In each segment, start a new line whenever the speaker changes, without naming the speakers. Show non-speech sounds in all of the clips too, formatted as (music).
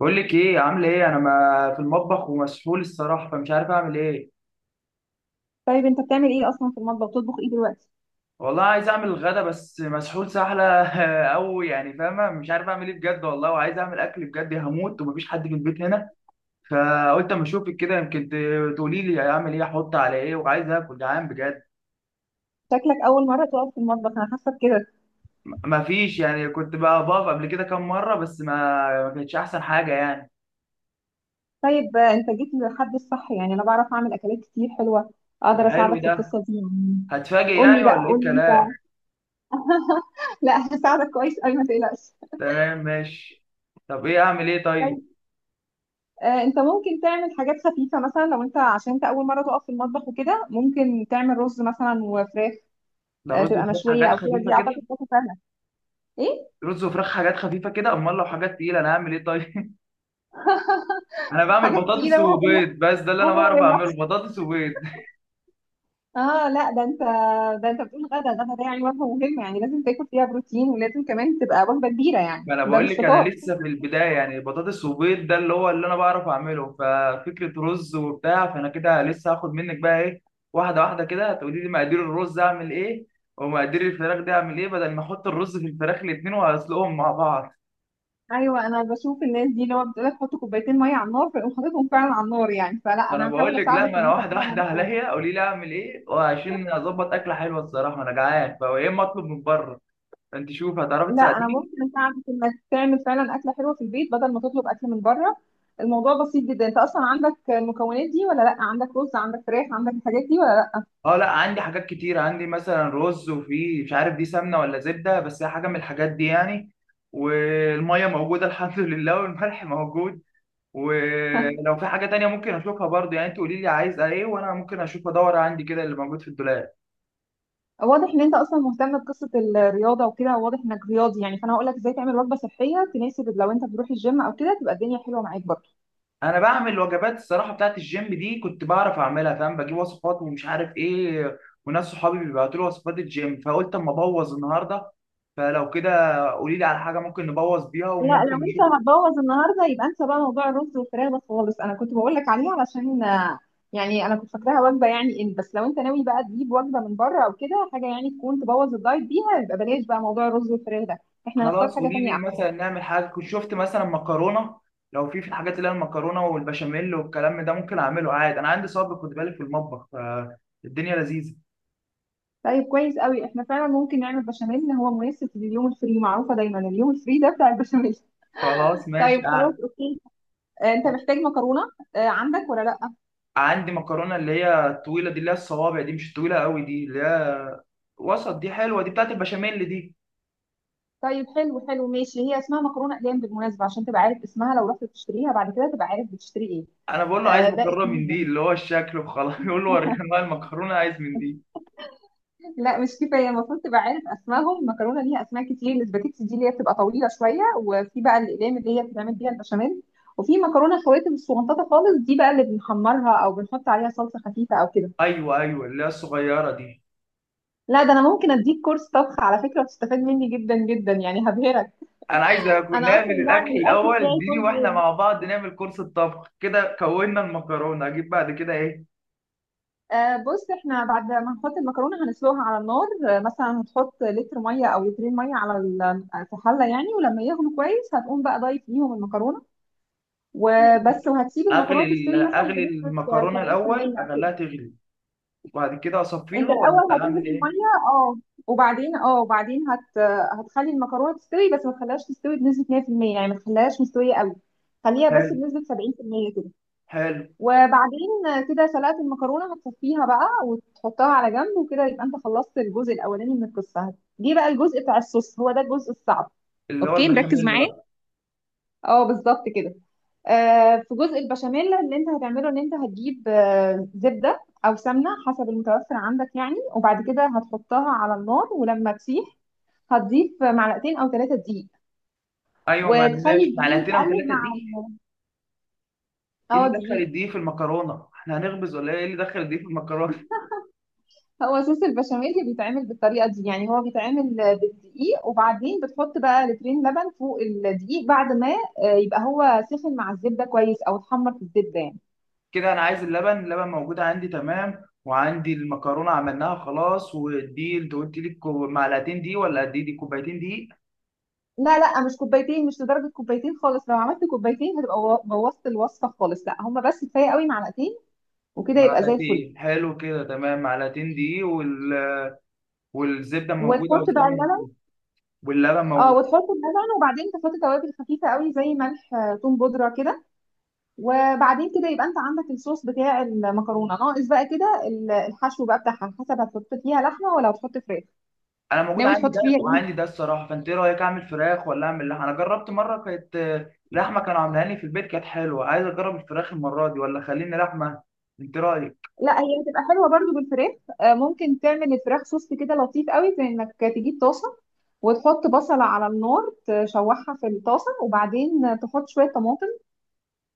بقول لك ايه عامله ايه؟ انا ما في المطبخ ومسحول الصراحه، فمش عارف اعمل ايه.
طيب انت بتعمل ايه اصلا في المطبخ؟ بتطبخ ايه دلوقتي؟
والله عايز اعمل الغدا بس مسحول سحله. (laughs) او يعني فاهمه، مش عارف اعمل ايه بجد والله، وعايز اعمل اكل بجد، هموت ومفيش حد في البيت هنا. فقلت اما اشوفك كده يمكن تقولي لي اعمل ايه، احط على ايه، وعايز اكل، جعان بجد.
شكلك اول مره تقف في المطبخ، انا حاسه كده.
مفيش يعني، كنت بقى بقف قبل كده كام مره بس ما كانتش احسن حاجه يعني.
طيب انت جيت للحد الصح، يعني انا بعرف اعمل اكلات كتير حلوه.
ما
اقدر
حلو
اساعدك في
ده،
القصه دي يعني.
هتفاجئ
قول لي
يعني
بقى،
ولا ايه
قول لي انت.
الكلام؟
(laughs) لا، هساعدك كويس قوي، ما تقلقش.
تمام ماشي. طب ايه، اعمل ايه طيب؟
طيب انت ممكن تعمل حاجات خفيفه مثلا، لو انت عشان انت اول مره تقف في المطبخ وكده، ممكن تعمل رز مثلا وفراخ.
ده رز
تبقى
وفراخ
مشويه
حاجات
او كده،
خفيفه
دي
كده؟
اعتقد تبقى سهله. ايه،
رز وفراخ حاجات خفيفه كده؟ امال لو حاجات تقيله انا هعمل ايه طيب؟ (laughs) انا بعمل
حاجات
بطاطس
كتيره.
وبيض بس، ده اللي انا بعرف اعمله، بطاطس وبيض. (laughs)
اه لا ده انت، ده انت بتقول غدا غدا، ده يعني وجبه مهمه، يعني لازم تاكل فيها بروتين، ولازم كمان تبقى وجبه كبيره، يعني
ما انا
ده
بقول
مش
لك انا
فطار.
لسه في البدايه يعني، بطاطس وبيض ده اللي انا بعرف اعمله، ففكره رز وبتاع، فانا كده لسه هاخد منك بقى ايه. واحده واحده كده تقولي لي مقادير الرز اعمل ايه، ومقادير الفراخ دي اعمل ايه، بدل ما احط الرز في الفراخ الاثنين واسلقهم مع بعض.
ايوه، انا بشوف الناس دي اللي هو بتقول لك حط كوبايتين ميه على النار فيقوم حاططهم فعلا على النار، يعني فلا
ما انا
انا
بقول
هحاول
لك، لا،
اساعدك
ما
ان
انا
انت
واحده واحده
فعلا.
عليا، قولي لي اعمل ايه وعشان اظبط اكله حلوه الصراحه، انا جعان، فيا اما اطلب من بره. انت شوف هتعرفي
لا، انا
تساعديني.
ممكن اساعدك انك تعمل فعلا اكله حلوه في البيت بدل ما تطلب اكل من بره. الموضوع بسيط جدا، انت اصلا عندك المكونات دي ولا لا؟ عندك رز، عندك فراخ، عندك الحاجات دي ولا لا؟
اه لا، عندي حاجات كتير، عندي مثلا رز، وفي مش عارف دي سمنه ولا زبده، بس هي حاجه من الحاجات دي يعني. والميه موجوده (laughs) الحمد لله، والملح موجود، ولو في حاجه تانية ممكن اشوفها برضو يعني، انت قولي لي عايز ايه وانا ممكن اشوف ادور عندي كده اللي موجود في الدولاب.
واضح ان انت اصلا مهتم بقصه الرياضه وكده، واضح انك رياضي يعني، فانا هقول لك ازاي تعمل وجبه صحيه تناسب لو انت بتروح الجيم او كده، تبقى الدنيا حلوه معاك برضه.
انا بعمل وجبات الصراحه بتاعت الجيم دي، كنت بعرف اعملها فاهم، بجيب وصفات ومش عارف ايه، وناس صحابي بيبعتوا لي وصفات الجيم، فقلت اما ابوظ النهارده. فلو كده قولي لي على حاجه ممكن نبوظ بيها
لا،
وممكن
لو انت
نشوف.
هتبوظ النهارده يبقى انسى بقى موضوع الرز والفراخ ده خالص، انا كنت بقول لك عليه علشان يعني انا كنت فاكراها وجبه يعني، ان بس لو انت ناوي بقى تجيب وجبه من بره او كده حاجه يعني تكون تبوظ الدايت بيها، يبقى بلاش بقى موضوع الرز والفراخ ده، احنا نختار
خلاص
حاجه
قولي
تانية
لي،
احسن.
مثلا نعمل حاجه كنت شفت مثلا مكرونه. لو في الحاجات اللي هي المكرونه والبشاميل والكلام ده ممكن اعمله عادي، انا عندي صبر خد بالك في المطبخ، فالدنيا لذيذه.
طيب كويس قوي، احنا فعلا ممكن نعمل بشاميل، هو مناسب لليوم الفري، معروفه دايما اليوم الفري ده بتاع البشاميل.
خلاص
(laughs)
ماشي
طيب خلاص اوكي. انت محتاج مكرونه، عندك ولا لا؟
عندي مكرونه اللي هي الطويله دي، اللي هي الصوابع دي، مش طويله قوي دي، اللي هي وسط دي، حلوه دي، بتاعت البشاميل دي.
طيب حلو حلو ماشي، هي اسمها مكرونه اقلام بالمناسبه، عشان تبقى عارف اسمها، لو رحت تشتريها بعد كده تبقى عارف بتشتري ايه.
انا بقول له عايز
آه ده
مكرونه
اسمها
من دي،
يعني.
اللي هو الشكل وخلاص (laughs) يقول له وريني انواع المكرونه، عايز من دي.
لا مش كفايه، المفروض تبقى عارف اسمائهم، المكرونه ليها اسماء كتير، الاسباجيتي دي اللي هي بتبقى طويله شويه، وفي بقى الاقلام اللي هي بتتعمل بيها البشاميل، وفي مكرونه خواتم الصغنططه خالص، دي بقى اللي بنحمرها او بنحط عليها صلصه خفيفه او كده.
ايوه ايوه، اللي هي الصغيره دي.
لا ده انا ممكن اديك كورس طبخ على فكره، وتستفاد مني جدا جدا يعني، هبهرك.
انا عايز اكون
انا اصلا
نعمل الاكل
بعمل الاكل
الاول،
بتاعي
اديني واحنا
كله.
مع بعض نعمل كورس الطبخ كده. كونا المكرونه، اجيب بعد كده ايه؟
بص، احنا بعد ما نحط المكرونه هنسلقها على النار، مثلا هتحط لتر ميه او لترين ميه على في حله يعني، ولما يغلوا كويس هتقوم بقى ضايف ليهم المكرونه، وبس، وهتسيب
اغلي
المكرونه تستوي مثلا
اغلي
بنسبه
المكرونه الاول،
70% كده.
اخليها تغلي وبعد كده
انت
اصفيها، ولا
الاول
اعمل
هتغلي
ايه؟
الميه، اه وبعدين، اه وبعدين هتخلي المكرونه تستوي، بس ما تخليهاش تستوي بنسبه 100%، يعني ما تخليهاش مستويه قوي، خليها بس
حلو
بنسبه 70% كده.
حلو.
وبعدين كده سلقة المكرونة هتصفيها بقى وتحطها على جنب وكده، يبقى انت خلصت الجزء الأولاني من القصة، جه بقى الجزء بتاع الصوص، هو ده الجزء الصعب.
اللي هو
اوكي
البشاميل
مركز
اللي
معايا.
بقى.
اه بالظبط كده. في جزء البشاميل اللي انت هتعمله، ان انت هتجيب زبدة أو سمنة حسب المتوفر عندك يعني، وبعد كده هتحطها على النار، ولما تسيح هتضيف معلقتين أو ثلاثة دقيق،
ايوه، ما
وتخلي
ماشي،
الدقيق
معلقتين او
يتقلب
ثلاثه
مع.
دي. ايه
اه
اللي دخل
دقيق،
الدقيق في المكرونه؟ احنا هنخبز ولا ايه؟ إيه اللي دخل الدقيق في المكرونه؟
هو صوص البشاميل اللي بيتعمل بالطريقه دي يعني، هو بيتعمل بالدقيق، وبعدين بتحط بقى لترين لبن فوق الدقيق بعد ما يبقى هو سخن مع الزبده كويس او اتحمر في الزبده يعني.
كده انا عايز اللبن، اللبن موجود عندي تمام، وعندي المكرونه عملناها خلاص، ودي انت قلت لي معلقتين دي ولا قد ايه، دي كوبايتين دي؟
لا لا مش كوبايتين، مش لدرجه كوبايتين خالص، لو عملت كوبايتين هتبقى بوظت الوصفه خالص، لا هما بس كفايه قوي معلقتين، وكده يبقى زي الفل.
معلقتين، حلو كده تمام، معلقتين دي والزبده موجوده
وتحط بقى
والسمنه
اللبن.
واللبن
اه
موجود.
وتحط اللبن، وبعدين تحط توابل خفيفه قوي زي ملح، توم بودره كده، وبعدين كده يبقى انت عندك الصوص بتاع المكرونه، ناقص بقى كده الحشو بقى بتاعها، على حسب هتحط فيها لحمه ولا هتحط فراخ.
انا موجود
ناوي
عندي
تحط
ده
فيها
وعندي
ايه؟
ده الصراحه، فانت ايه رايك، اعمل فراخ ولا اعمل لحمه؟ انا جربت مره كانت لحمه، كانوا عاملها لي في البيت كانت حلوه، عايز اجرب الفراخ المره دي ولا خليني لحمه؟ انت رايك.
لا، هي هتبقى حلوه برضو بالفراخ. ممكن تعمل الفراخ صوص كده لطيف قوي، في انك تجيب طاسه وتحط بصله على النار، تشوحها في الطاسه وبعدين تحط شويه طماطم،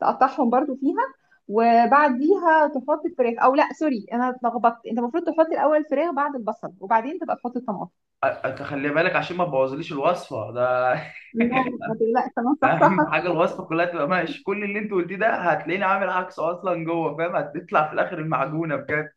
تقطعهم برضو فيها، وبعديها تحط الفراخ، او لا سوري انا اتلخبطت، انت المفروض تحط الاول الفراخ بعد البصل، وبعدين تبقى تحط الطماطم.
أنت خلي بالك عشان ما تبوظليش الوصفه ده.
لا
(laughs)
ما تقلقش، انا صح صح.
اهم (laughs) حاجه الوصفه كلها تبقى ماشي، كل اللي انت قلتيه ده هتلاقيني عامل عكسه اصلا جوه فاهم، هتطلع في الاخر المعجونه بجد.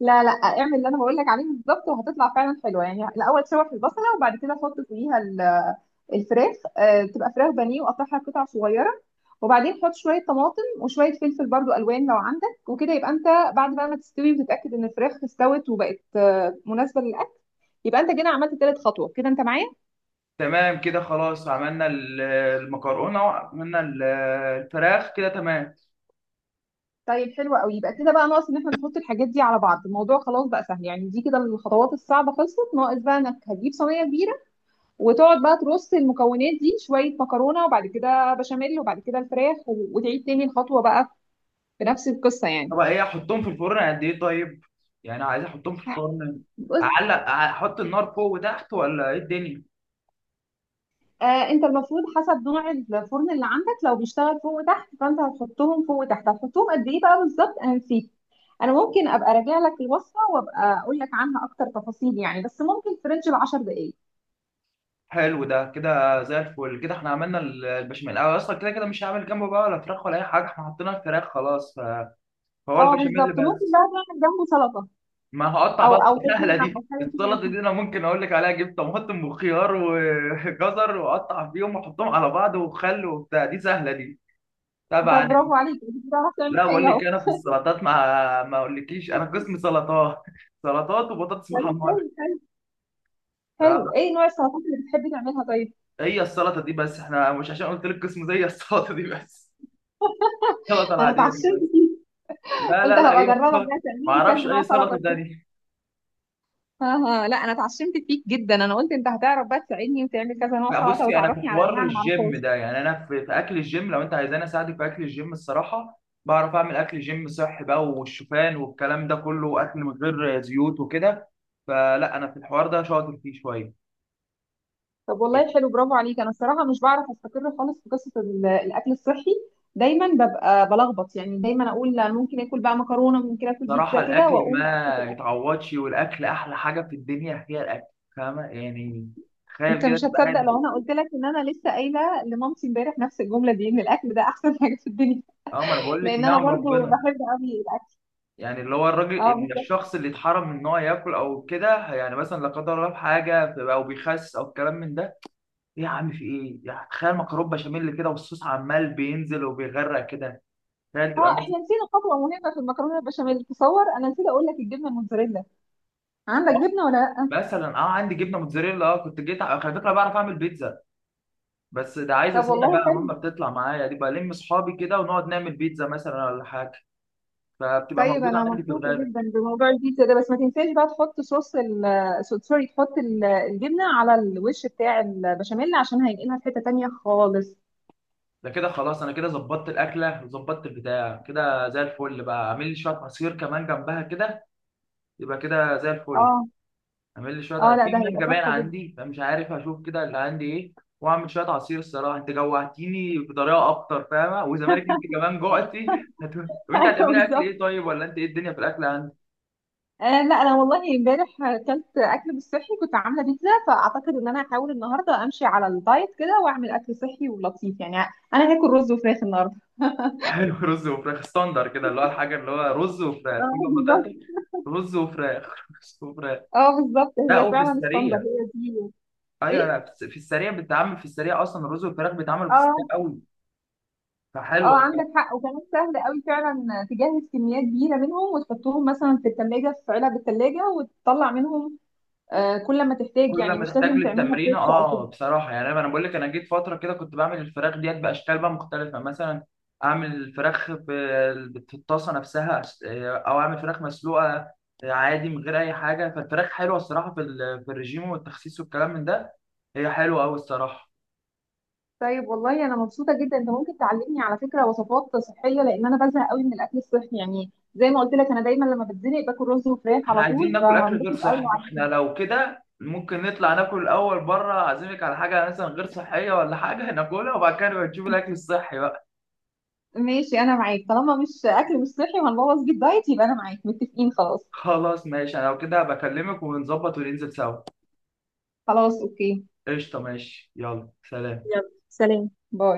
لا لا، اعمل اللي انا بقول لك عليه بالظبط، وهتطلع فعلا حلوه يعني، الاول شوح البصله، وبعد كده حط فوقيها الفراخ، تبقى فراخ بانيه وقطعها قطع صغيره، وبعدين حط شويه طماطم وشويه فلفل برضو الوان لو عندك، وكده يبقى انت بعد بقى ما تستوي وتتاكد ان الفراخ استوت وبقت مناسبه للاكل، يبقى انت كده عملت تالت خطوه، كده انت معايا.
تمام كده خلاص، عملنا المكرونه وعملنا الفراخ كده تمام.
طيب حلو قوي، يبقى كده بقى ناقص ان احنا نحط الحاجات دي على بعض، الموضوع خلاص بقى سهل يعني، دي كده الخطوات الصعبه خلصت، ناقص بقى انك هتجيب صينيه كبيره، وتقعد بقى ترص المكونات دي، شوية مكرونة وبعد كده بشاميل وبعد كده الفراخ، وتعيد تاني الخطوة بقى بنفس القصة يعني.
طب ايه، احطهم في الفرن قد ايه طيب؟ يعني عايز احطهم في الفرن،
بص،
اعلق احط النار فوق وتحت، ولا ايه الدنيا؟
انت المفروض حسب نوع الفرن اللي عندك، لو بيشتغل فوق وتحت فانت هتحطهم فوق وتحت، هتحطهم قد ايه بقى بالظبط انا نسيت، انا ممكن ابقى راجع لك الوصفة وابقى اقول لك عنها اكتر تفاصيل يعني، بس ممكن في رينج ال 10 دقايق.
حلو ده، كده زي الفل، كده احنا عملنا البشاميل. أنا اصلا كده كده مش هعمل جنبه بقى ولا فراخ ولا اي حاجه، احنا حطينا الفراخ خلاص، فهو
اه
البشاميل
بالظبط، ممكن
بس.
بقى تعمل جنبه سلطة،
ما هقطع
او
بقى.
او
سهله
طحينة، او
دي،
حاجة كده
السلطه
بسيطة.
دي انا ممكن اقول لك عليها، جبت طماطم وخيار وجزر (laughs) واقطع فيهم واحطهم على بعض، وخل وبتاع، دي سهله دي،
انت
طبعا دي.
برافو عليك، انت بتعرف تعمل
لا بقول
حاجة.
لك، انا في السلطات ما اقولكيش، انا قسم سلطات (laughs) سلطات وبطاطس
اهو.
محمره.
حلو، ايه نوع السلطات اللي بتحبي تعملها طيب؟
فهي السلطه دي بس، احنا مش عشان قلت لك قسم زي السلطه دي بس، السلطه
انا
العاديه دي
اتعشمت،
بس. لا
قلت
لا لا،
هبقى
هي
اجربك
السلطه.
بقى
ما
تعملي
اعرفش
كذا
اي
نوع سلطه
سلطه
وكده.
تانية.
ها. ها، لا انا اتعشمت فيك جدا، انا قلت انت هتعرف بقى تساعدني وتعمل كذا نوع
لا
سلطه
بصي، انا في
وتعرفني على
حوار
انواع انا ما اعرفهاش.
الجيم ده يعني، انا في اكل الجيم، لو انت عايزاني اساعدك في اكل الجيم الصراحه، بعرف اعمل اكل جيم صحي بقى، والشوفان والكلام ده كله، واكل من غير زيوت وكده، فلا انا في الحوار ده شاطر فيه شويه.
طب والله حلو، برافو عليك، انا الصراحه مش بعرف استقر خالص في قصه الاكل الصحي، دايما ببقى بلخبط يعني، دايما اقول لا، ممكن اكل بقى مكرونه، ممكن اكل
صراحه
بيتزا كده،
الاكل
واقوم أكل في
ما
الأكل.
يتعوضش، والاكل احلى حاجه في الدنيا، هي الاكل. فاهمه يعني، تخيل
انت
كده
مش
تبقى
هتصدق
قاعد.
لو انا قلت لك ان انا لسه قايله لمامتي امبارح نفس الجمله دي، ان الاكل ده احسن (laughs) حاجه في الدنيا،
اه، ما انا بقول لك،
لان انا
نعم
برضو
ربنا.
بحب قوي.
يعني اللي هو الراجل
اه بالظبط.
الشخص اللي اتحرم من ان هو ياكل او كده يعني، مثلا لا قدر الله في حاجه او بيخس او الكلام من ده. ايه يا عم، في ايه يعني؟ تخيل مكرونه بشاميل كده، والصوص عمال بينزل وبيغرق كده، تخيل تبقى
اه
ماسك.
احنا نسينا خطوه مهمه في المكرونه البشاميل، تصور انا نسيت اقول لك الجبنه الموتزاريلا، عندك
خلاص،
جبنه ولا لا؟
مثلا اه عندي جبنه موتزاريلا، اه كنت جيت على فكره بعرف اعمل بيتزا، بس ده عايزه
طب
سنه
والله
بقى، ماما
حلو.
بتطلع معايا، دي بلم اصحابي كده ونقعد نعمل بيتزا مثلا ولا حاجه، فبتبقى
طيب
موجوده
انا
عندي في
مبسوطه
الغالب.
جدا بموضوع البيتزا ده، بس ما تنساش بقى تحط صوص سوري، تحط الجبنه على الوش بتاع البشاميل عشان هينقلها في حته تانيه خالص.
ده كده خلاص، انا كده ظبطت الاكله وظبطت البتاع كده زي الفل، بقى اعمل لي شويه عصير كمان جنبها كده، يبقى كده زي الفل.
اه.
اعمل لي شويه
اه
عصير،
لا، ده
في
هيبقى
مانجا باين
تحفه جدا.
عندي فمش عارف، هشوف كده اللي عندي ايه، واعمل شويه عصير. الصراحه انت جوعتيني بطريقه اكتر فاهمه، وزمالك انت كمان جوعتي (laughs) هت- طب
(laughs)
انت
ايوه
هتعملي اكل
بالظبط.
ايه طيب، ولا انت ايه الدنيا في الاكل عندك؟
لا انا والله امبارح اكلت اكل مش صحي، كنت عامله بيتزا، فاعتقد ان انا هحاول النهارده امشي على الدايت كده واعمل اكل صحي ولطيف يعني، انا هاكل رز وفراخ النهارده.
(laughs) حلو، رز وفراخ، ستاندر كده، اللي هو الحاجه اللي هو رز وفراخ
اه
كل ما
بالظبط.
تاكل، رز وفراخ (laughs) رز وفراخ.
اه بالظبط،
لا،
هي
وفي
فعلا الصندوق
السريع.
هي دي.
ايوه،
ايه.
لا في في السريع بتتعمل، في السريع اصلا الرز والفراخ بيتعملوا في السريع
اه.
قوي، فحلوه.
اه عندك حق، وكمان سهل قوي فعلا، تجهز كميات كبيره منهم وتحطهم مثلا في الثلاجه في علب الثلاجه، وتطلع منهم كل ما تحتاج
كل
يعني،
ما
مش
تحتاج
لازم تعملها
للتمرين،
فريش او
اه
كده.
بصراحه يعني، انا بقول لك، انا جيت فتره كده كنت بعمل الفراخ ديت باشكال بقى مختلفه، مثلا اعمل الفراخ في الطاسه نفسها او اعمل فراخ مسلوقه عادي من غير اي حاجه، فالفراخ حلوه الصراحه في في الرجيم والتخسيس والكلام من ده، هي حلوه قوي الصراحه.
طيب والله انا مبسوطه جدا، انت ممكن تعلمني على فكره وصفات صحيه، لان انا بزهق قوي من الاكل الصحي يعني، زي ما قلت لك انا دايما لما بتزنق باكل رز وفراخ
احنا
على
عايزين
طول،
ناكل اكل غير
فهنبسط قوي.
صحي، فاحنا لو كده ممكن نطلع ناكل الاول بره، اعزمك على حاجه مثلا غير صحيه ولا حاجه ناكلها، وبعد كده نبقى نشوف الاكل الصحي بقى.
ماشي انا معاك، طالما مش اكل مش صحي وهنبوظ بيه الدايت يبقى انا معاك، متفقين خلاص.
خلاص ماشي، انا لو كده بكلمك ونظبط وننزل سوا.
خلاص اوكي.
قشطة، ماشي، يلا سلام.
يلا سلام، باي.